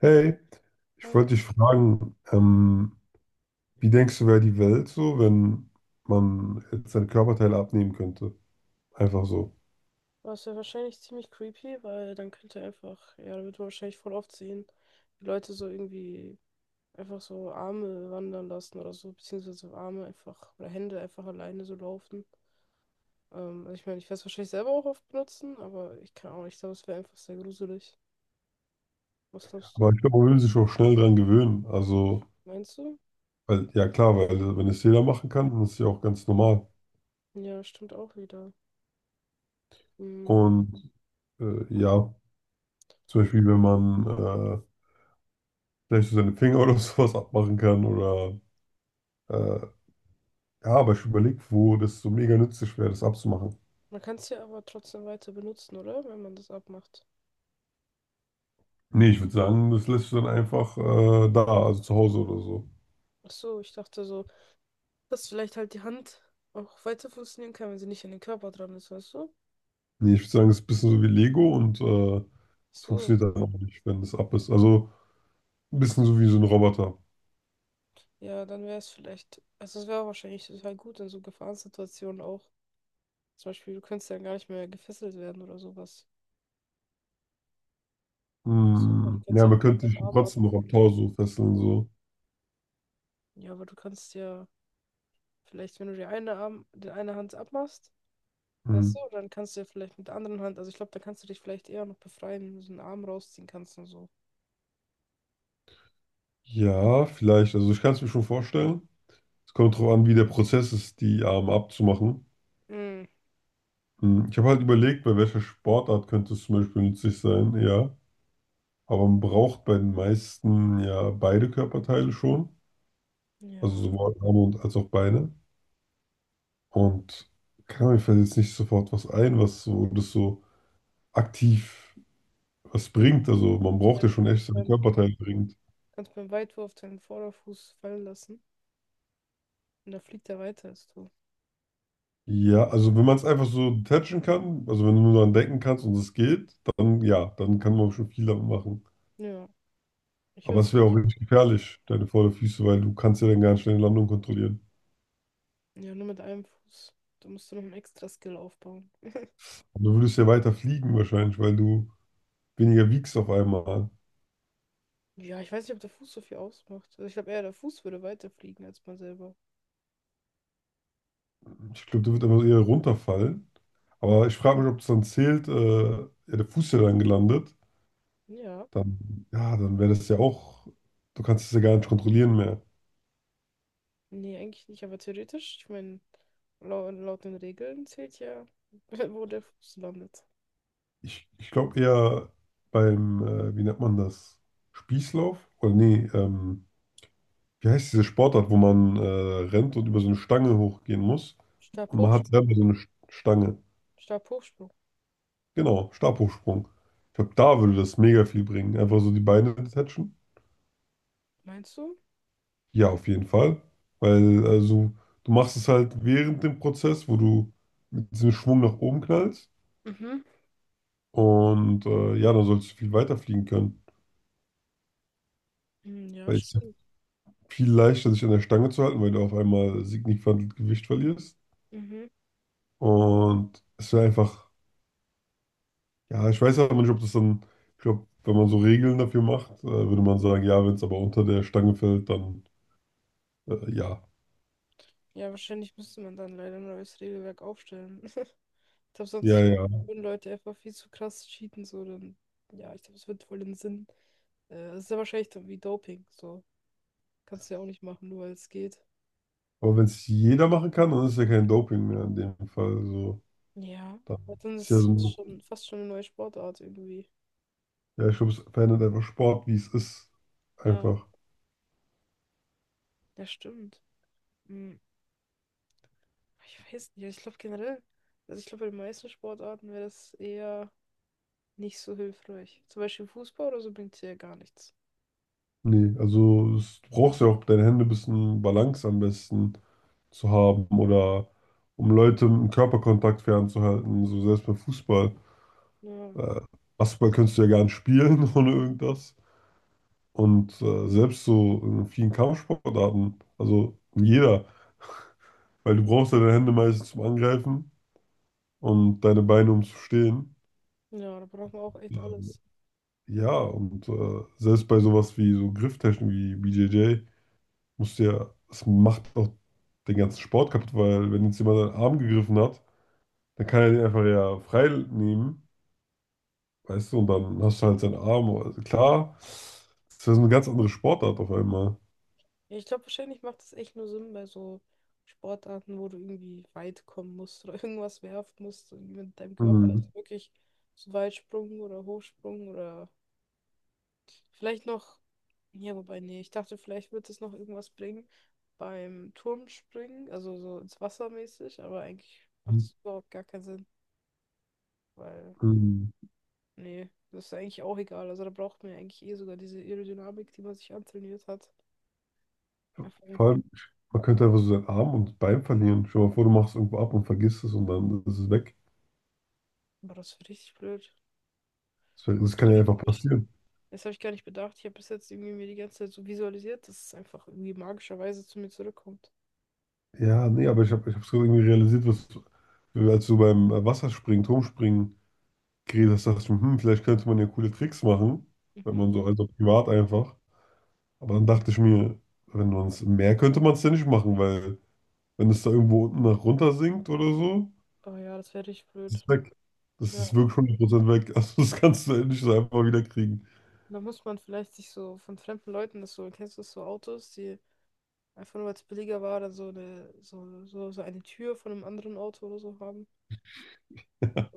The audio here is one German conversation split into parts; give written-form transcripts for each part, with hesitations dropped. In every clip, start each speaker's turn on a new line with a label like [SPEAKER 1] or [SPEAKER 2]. [SPEAKER 1] Hey, ich
[SPEAKER 2] Hi.
[SPEAKER 1] wollte dich fragen, wie denkst du, wäre die Welt so, wenn man jetzt seine Körperteile abnehmen könnte? Einfach so.
[SPEAKER 2] Was ja wahrscheinlich ziemlich creepy, weil dann könnte er einfach, ja, dann wird man wahrscheinlich voll oft sehen, wie Leute so irgendwie einfach so Arme wandern lassen oder so, beziehungsweise Arme einfach oder Hände einfach alleine so laufen. Also ich meine, ich werde es wahrscheinlich selber auch oft benutzen, aber ich kann auch nicht, ich glaube, es wäre einfach sehr gruselig. Was glaubst
[SPEAKER 1] Aber
[SPEAKER 2] du?
[SPEAKER 1] ich glaube, man würde sich auch schnell dran gewöhnen. Also,
[SPEAKER 2] Meinst du?
[SPEAKER 1] weil, ja klar, weil wenn es jeder machen kann, dann ist es ja auch ganz normal.
[SPEAKER 2] Ja, stimmt auch wieder. Hm.
[SPEAKER 1] Und ja, zum Beispiel, wenn man vielleicht so seine Finger oder sowas abmachen kann oder äh, ja, aber ich überlege, wo das so mega nützlich wäre, das abzumachen.
[SPEAKER 2] Man kann es ja aber trotzdem weiter benutzen, oder? Wenn man das abmacht.
[SPEAKER 1] Nee, ich würde sagen, das lässt du dann einfach da, also zu Hause oder so.
[SPEAKER 2] Ach so, ich dachte so. Dass vielleicht halt die Hand auch weiter funktionieren kann, wenn sie nicht an den Körper dran ist, weißt du?
[SPEAKER 1] Nee, ich würde sagen, es ist ein bisschen so wie Lego und es
[SPEAKER 2] So,
[SPEAKER 1] funktioniert dann auch nicht, wenn es ab ist. Also ein bisschen so wie so ein Roboter.
[SPEAKER 2] ja, dann wäre es vielleicht, also es wäre wahrscheinlich total gut in so Gefahrensituationen auch. Zum Beispiel, du könntest ja gar nicht mehr gefesselt werden oder sowas. Weißt du, weil du
[SPEAKER 1] Hm.
[SPEAKER 2] kannst
[SPEAKER 1] Ja,
[SPEAKER 2] ja
[SPEAKER 1] man
[SPEAKER 2] einfach
[SPEAKER 1] könnte
[SPEAKER 2] deinen
[SPEAKER 1] dich
[SPEAKER 2] Arm ab.
[SPEAKER 1] trotzdem noch am Tau so fesseln, so.
[SPEAKER 2] Ja, aber du kannst ja vielleicht, wenn du die eine Arm, die eine Hand abmachst,
[SPEAKER 1] Hm.
[SPEAKER 2] weißt du, dann kannst du ja vielleicht mit der anderen Hand, also ich glaube, da kannst du dich vielleicht eher noch befreien, wenn du so einen Arm rausziehen kannst und so.
[SPEAKER 1] Ja, vielleicht. Also ich kann es mir schon vorstellen. Es kommt darauf an, wie der Prozess ist, die Arme abzumachen.
[SPEAKER 2] Mm,
[SPEAKER 1] Hm. Ich habe halt überlegt, bei welcher Sportart könnte es zum Beispiel nützlich sein, ja. Aber man braucht bei den meisten ja beide Körperteile schon. Also
[SPEAKER 2] ja.
[SPEAKER 1] sowohl Arme und als auch Beine. Und kann mir fällt jetzt nicht sofort was ein, was so, das so aktiv was bringt. Also man
[SPEAKER 2] Ja,
[SPEAKER 1] braucht
[SPEAKER 2] du
[SPEAKER 1] ja schon echt seine Körperteile bringt.
[SPEAKER 2] kannst beim Weitwurf deinen Vorderfuß fallen lassen. Und da fliegt er weiter als du.
[SPEAKER 1] Ja, also wenn man es einfach so detachen kann, also wenn du nur daran denken kannst und es geht, dann ja, dann kann man schon viel damit machen.
[SPEAKER 2] Ja, ich
[SPEAKER 1] Aber
[SPEAKER 2] würde
[SPEAKER 1] es wäre auch richtig gefährlich, deine Vorderfüße, weil du kannst ja dann gar nicht deine Landung kontrollieren.
[SPEAKER 2] Ja, nur mit einem Fuß. Da musst du noch einen extra Skill aufbauen.
[SPEAKER 1] Und du würdest ja weiter fliegen wahrscheinlich, weil du weniger wiegst auf einmal.
[SPEAKER 2] Ja, ich weiß nicht, ob der Fuß so viel ausmacht. Also ich glaube eher, der Fuß würde weiterfliegen als man selber.
[SPEAKER 1] Ich glaube, du würdest einfach eher runterfallen. Aber ich frage mich, ob das dann zählt, ja, der Fuß ist ja dann gelandet.
[SPEAKER 2] Ja.
[SPEAKER 1] Dann, ja, dann wäre das ja auch, du kannst es ja gar nicht kontrollieren mehr.
[SPEAKER 2] Nee, eigentlich nicht, aber theoretisch, ich meine, laut den Regeln zählt ja, wo der Fuß landet.
[SPEAKER 1] Ich glaube eher beim, wie nennt man das? Spießlauf? Oder nee, wie heißt diese Sportart, wo man rennt und über so eine Stange hochgehen muss? Und man
[SPEAKER 2] Stabhoch,
[SPEAKER 1] hat selber so eine Stange.
[SPEAKER 2] Stabhochsprung.
[SPEAKER 1] Genau, Stabhochsprung. Ich glaube, da würde das mega viel bringen. Einfach so die Beine detachen.
[SPEAKER 2] Meinst du?
[SPEAKER 1] Ja, auf jeden Fall. Weil, also, du machst es halt während dem Prozess, wo du mit diesem Schwung nach oben knallst.
[SPEAKER 2] Mhm.
[SPEAKER 1] Und ja, dann sollst du viel weiter fliegen können.
[SPEAKER 2] Hm, ja,
[SPEAKER 1] Weil es ist
[SPEAKER 2] stimmt.
[SPEAKER 1] viel leichter, sich an der Stange zu halten, weil du auf einmal signifikant Gewicht verlierst.
[SPEAKER 2] Mhm.
[SPEAKER 1] Und es wäre einfach, ja, ich weiß aber nicht, ob das dann, ich glaube, wenn man so Regeln dafür macht, würde man sagen, ja, wenn es aber unter der Stange fällt, dann ja.
[SPEAKER 2] Ja, wahrscheinlich müsste man dann leider ein neues Regelwerk aufstellen. Ich glaube,
[SPEAKER 1] Ja,
[SPEAKER 2] sonst
[SPEAKER 1] ja.
[SPEAKER 2] würden Leute einfach viel zu krass cheaten, so dann. Ja, ich glaube, es wird voll den Sinn. Es ist ja wahrscheinlich dann wie Doping, so. Kannst du ja auch nicht machen, nur weil es geht.
[SPEAKER 1] Aber wenn es jeder machen kann, dann ist ja kein Doping mehr in dem Fall. So,
[SPEAKER 2] Ja.
[SPEAKER 1] dann
[SPEAKER 2] Aber dann
[SPEAKER 1] ist ja
[SPEAKER 2] ist
[SPEAKER 1] so
[SPEAKER 2] es
[SPEAKER 1] ein,
[SPEAKER 2] schon fast schon eine neue Sportart irgendwie.
[SPEAKER 1] ja, ich glaube, es verändert einfach Sport, wie es ist.
[SPEAKER 2] Ja.
[SPEAKER 1] Einfach.
[SPEAKER 2] Ja, stimmt. Hm, ich weiß nicht, ich glaube generell, also ich glaube, bei den meisten Sportarten wäre das eher nicht so hilfreich. Zum Beispiel Fußball oder so bringt es ja gar nichts.
[SPEAKER 1] Nee, also es, du brauchst ja auch deine Hände ein bisschen Balance am besten zu haben oder um Leute im Körperkontakt fernzuhalten, so selbst beim Fußball.
[SPEAKER 2] Ja,
[SPEAKER 1] Äh, Basketball kannst du ja gar nicht spielen ohne irgendwas. Und selbst so in vielen Kampfsportarten, also in jeder, weil du brauchst ja deine Hände meistens zum Angreifen und deine Beine um zu stehen.
[SPEAKER 2] ja, da braucht man auch echt
[SPEAKER 1] Äh,
[SPEAKER 2] alles.
[SPEAKER 1] Ja, und selbst bei sowas wie so Grifftechnik wie BJJ. Musst du ja, das macht auch den ganzen Sport kaputt, weil wenn jetzt jemand seinen Arm gegriffen hat, dann kann er den einfach ja frei nehmen, weißt du, und dann hast du halt seinen Arm. Also klar, das wäre so eine ganz andere Sportart auf einmal.
[SPEAKER 2] Ja, ich glaube, wahrscheinlich macht es echt nur Sinn bei so Sportarten, wo du irgendwie weit kommen musst oder irgendwas werfen musst, so irgendwie mit deinem Körper. Also
[SPEAKER 1] Mhm.
[SPEAKER 2] wirklich so Weitsprung oder Hochsprung oder vielleicht noch, ja, wobei, nee, ich dachte, vielleicht wird es noch irgendwas bringen beim Turmspringen, also so ins Wasser mäßig, aber eigentlich macht es überhaupt gar keinen Sinn, weil,
[SPEAKER 1] Mhm.
[SPEAKER 2] nee, das ist eigentlich auch egal. Also da braucht man ja eigentlich eh sogar diese Aerodynamik, die man sich antrainiert hat. Einfach,
[SPEAKER 1] Vor allem, man könnte einfach so seinen Arm und Bein verlieren. Stell dir mal vor, du machst irgendwo ab und vergisst es und dann ist es weg.
[SPEAKER 2] aber das ist richtig blöd.
[SPEAKER 1] Das, das kann ja
[SPEAKER 2] Stimmt,
[SPEAKER 1] einfach
[SPEAKER 2] habe ich.
[SPEAKER 1] passieren.
[SPEAKER 2] Das habe ich gar nicht bedacht. Ich habe bis jetzt irgendwie mir die ganze Zeit so visualisiert, dass es einfach irgendwie magischerweise zu mir zurückkommt.
[SPEAKER 1] Ja, nee, aber ich habe ich es irgendwie realisiert, was, als du beim Wasserspringen, Turmspringen geredet hast, dachte ich mir, hm, hm, vielleicht könnte man ja coole Tricks machen, wenn
[SPEAKER 2] Mhm.
[SPEAKER 1] man so, also privat einfach. Aber dann dachte ich mir, wenn man es im Meer könnte man es ja nicht machen, weil wenn es da irgendwo unten nach runter sinkt oder so,
[SPEAKER 2] Oh ja, das wäre richtig
[SPEAKER 1] ist
[SPEAKER 2] blöd.
[SPEAKER 1] es weg. Das ist
[SPEAKER 2] Ja.
[SPEAKER 1] wirklich 100% weg. Also das kannst du nicht so einfach wieder kriegen.
[SPEAKER 2] Da muss man vielleicht sich so von fremden Leuten das so, kennst du das so Autos, die einfach nur weil es billiger war, dann so so eine Tür von einem anderen Auto oder so haben.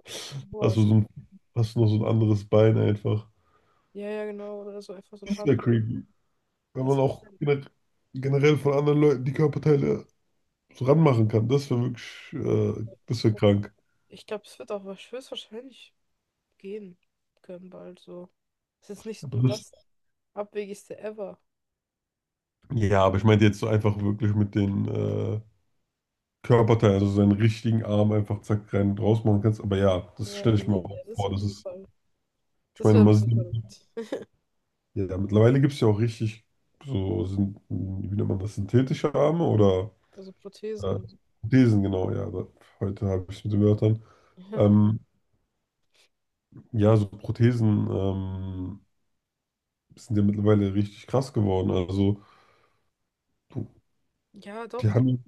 [SPEAKER 1] Hast du
[SPEAKER 2] Sowas.
[SPEAKER 1] so ein, hast du noch so ein anderes Bein einfach.
[SPEAKER 2] Ja, genau. Oder so einfach so eine
[SPEAKER 1] Das ist
[SPEAKER 2] Hand.
[SPEAKER 1] ja creepy. Wenn man
[SPEAKER 2] Das,
[SPEAKER 1] auch generell von anderen Leuten die Körperteile so ranmachen kann, das wäre wirklich, das wäre krank.
[SPEAKER 2] ich glaube, es wird auch höchstwahrscheinlich gehen können bald so. Es ist nicht
[SPEAKER 1] Aber
[SPEAKER 2] so
[SPEAKER 1] das,
[SPEAKER 2] das Abwegigste ever.
[SPEAKER 1] ja, aber ich meinte jetzt so einfach wirklich mit den Körperteilen, also seinen richtigen Arm einfach zack rein und raus machen kannst. Aber ja, das
[SPEAKER 2] Ja,
[SPEAKER 1] stelle ich mir
[SPEAKER 2] nee, ja,
[SPEAKER 1] auch
[SPEAKER 2] das
[SPEAKER 1] vor.
[SPEAKER 2] auf
[SPEAKER 1] Das
[SPEAKER 2] jeden
[SPEAKER 1] ist,
[SPEAKER 2] Fall.
[SPEAKER 1] ich
[SPEAKER 2] Das
[SPEAKER 1] meine,
[SPEAKER 2] wäre ein
[SPEAKER 1] man
[SPEAKER 2] bisschen
[SPEAKER 1] sieht,
[SPEAKER 2] verrückt.
[SPEAKER 1] ja, mittlerweile gibt es ja auch richtig so, sind, wie nennt man das, synthetische Arme oder
[SPEAKER 2] Also Prothesen
[SPEAKER 1] äh,
[SPEAKER 2] und so.
[SPEAKER 1] Prothesen, genau, ja. Da, heute habe ich es mit den Wörtern. Ähm, ja, so Prothesen sind ja mittlerweile richtig krass geworden. Also, du-
[SPEAKER 2] Ja,
[SPEAKER 1] die
[SPEAKER 2] doch.
[SPEAKER 1] haben,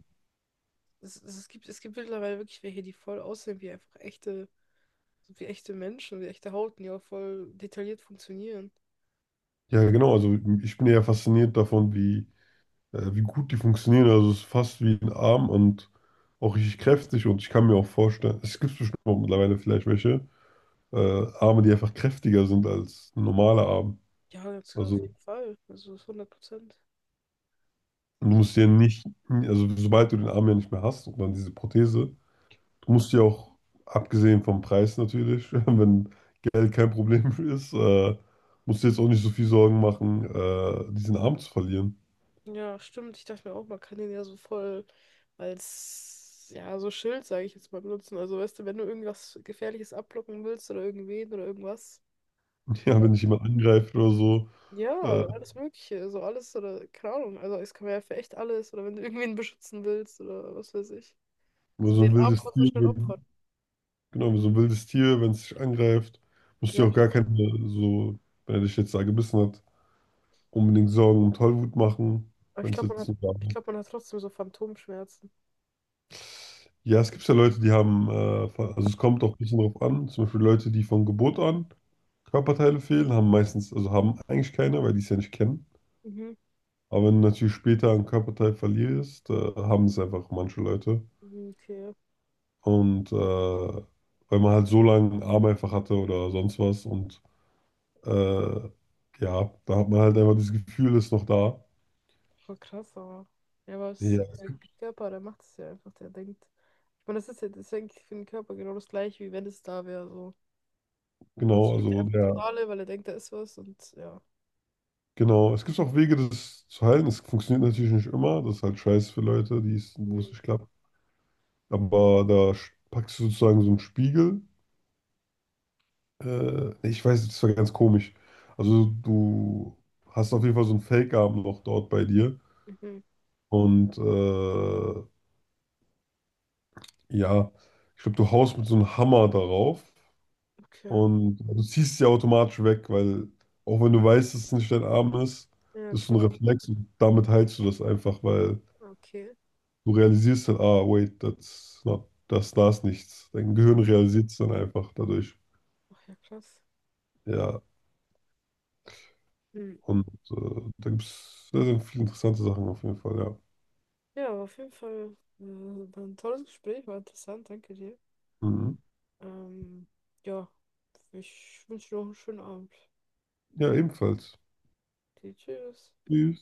[SPEAKER 2] Es gibt mittlerweile wirklich welche, die voll aussehen wie einfach echte, wie echte Menschen, wie echte Haut, die auch voll detailliert funktionieren.
[SPEAKER 1] ja genau, also ich bin ja fasziniert davon, wie wie gut die funktionieren. Also es ist fast wie ein Arm und auch richtig kräftig. Und ich kann mir auch vorstellen, es gibt bestimmt auch mittlerweile vielleicht welche Arme, die einfach kräftiger sind als ein normaler Arm.
[SPEAKER 2] Ja, das auf
[SPEAKER 1] Also
[SPEAKER 2] jeden Fall. Also das 100%.
[SPEAKER 1] du
[SPEAKER 2] So.
[SPEAKER 1] musst ja nicht, also sobald du den Arm ja nicht mehr hast und dann diese Prothese, du musst ja auch, abgesehen vom Preis natürlich, wenn Geld kein Problem ist, musst du jetzt auch nicht so viel Sorgen machen, diesen Arm zu verlieren.
[SPEAKER 2] Ja, stimmt. Ich dachte mir auch, man kann den ja so voll als, ja, so Schild, sage ich jetzt mal, benutzen. Also, weißt du, wenn du irgendwas Gefährliches abblocken willst oder irgendwen oder irgendwas. So.
[SPEAKER 1] Ja, wenn dich jemand angreift äh,
[SPEAKER 2] Ja, alles Mögliche, so alles oder keine Ahnung. Also, es kann man ja für echt alles oder wenn du irgendwen beschützen willst oder was weiß ich.
[SPEAKER 1] oder
[SPEAKER 2] So
[SPEAKER 1] so ein
[SPEAKER 2] den Arm
[SPEAKER 1] wildes
[SPEAKER 2] kannst du
[SPEAKER 1] Tier,
[SPEAKER 2] schnell opfern.
[SPEAKER 1] genau, wie so ein wildes Tier, wenn es dich angreift, musst du
[SPEAKER 2] Ja,
[SPEAKER 1] dir auch gar
[SPEAKER 2] stimmt.
[SPEAKER 1] keine, so, wenn er dich jetzt da gebissen hat, unbedingt Sorgen und Tollwut machen,
[SPEAKER 2] Aber
[SPEAKER 1] wenn es jetzt nicht da
[SPEAKER 2] ich
[SPEAKER 1] war.
[SPEAKER 2] glaube, man hat trotzdem so Phantomschmerzen.
[SPEAKER 1] Ja, es gibt ja Leute, die haben, also es kommt auch ein bisschen drauf an, zum Beispiel Leute, die von Geburt an Körperteile fehlen, haben meistens, also haben eigentlich keine, weil die es ja nicht kennen.
[SPEAKER 2] Mhm.
[SPEAKER 1] Aber wenn du natürlich später ein Körperteil verlierst, haben es einfach manche Leute.
[SPEAKER 2] Mhm. Okay,
[SPEAKER 1] Und weil man halt so lange einen Arm einfach hatte oder sonst was und Äh, ja, da hat man halt einfach dieses Gefühl, ist noch da.
[SPEAKER 2] voll krass, aber. Ja, aber es
[SPEAKER 1] Ja,
[SPEAKER 2] ist der Körper, der macht es ja einfach, der denkt. Ich meine, das ist ja eigentlich für den Körper genau das gleiche, wie wenn es da wäre. So. Sonst
[SPEAKER 1] genau,
[SPEAKER 2] schickt er
[SPEAKER 1] also
[SPEAKER 2] einfach
[SPEAKER 1] der,
[SPEAKER 2] Signale, weil er denkt, da ist was und ja.
[SPEAKER 1] genau. Es gibt auch Wege, das zu heilen. Das funktioniert natürlich nicht immer. Das ist halt scheiße für Leute, die es, wo es
[SPEAKER 2] Mhm.
[SPEAKER 1] nicht klappt. Aber da packst du sozusagen so einen Spiegel. Nee, ich weiß, das war ganz komisch. Also du hast auf jeden Fall so einen Fake-Arm noch dort bei dir.
[SPEAKER 2] Mhm.
[SPEAKER 1] Und ja, ich glaube, du haust mit so einem Hammer darauf.
[SPEAKER 2] Okay.
[SPEAKER 1] Und du ziehst sie automatisch weg, weil auch wenn du weißt, dass es nicht dein Arm ist,
[SPEAKER 2] Ja,
[SPEAKER 1] das ist so ein
[SPEAKER 2] klar.
[SPEAKER 1] Reflex und damit heilst du das einfach, weil
[SPEAKER 2] Okay.
[SPEAKER 1] du realisierst dann, ah, wait, that's not, das, da ist nichts. Dein
[SPEAKER 2] Ja.
[SPEAKER 1] Gehirn realisiert es dann einfach dadurch.
[SPEAKER 2] Ach ja, krass.
[SPEAKER 1] Ja,
[SPEAKER 2] Hm.
[SPEAKER 1] und äh, da gibt es sehr, sehr viele interessante Sachen auf jeden Fall, ja.
[SPEAKER 2] Ja, aber auf jeden Fall war ein tolles Gespräch, war interessant, danke dir.
[SPEAKER 1] Mhm.
[SPEAKER 2] Ähm, ja, ich wünsche dir noch einen schönen Abend.
[SPEAKER 1] Ja, ebenfalls.
[SPEAKER 2] Okay, tschüss.
[SPEAKER 1] Tschüss.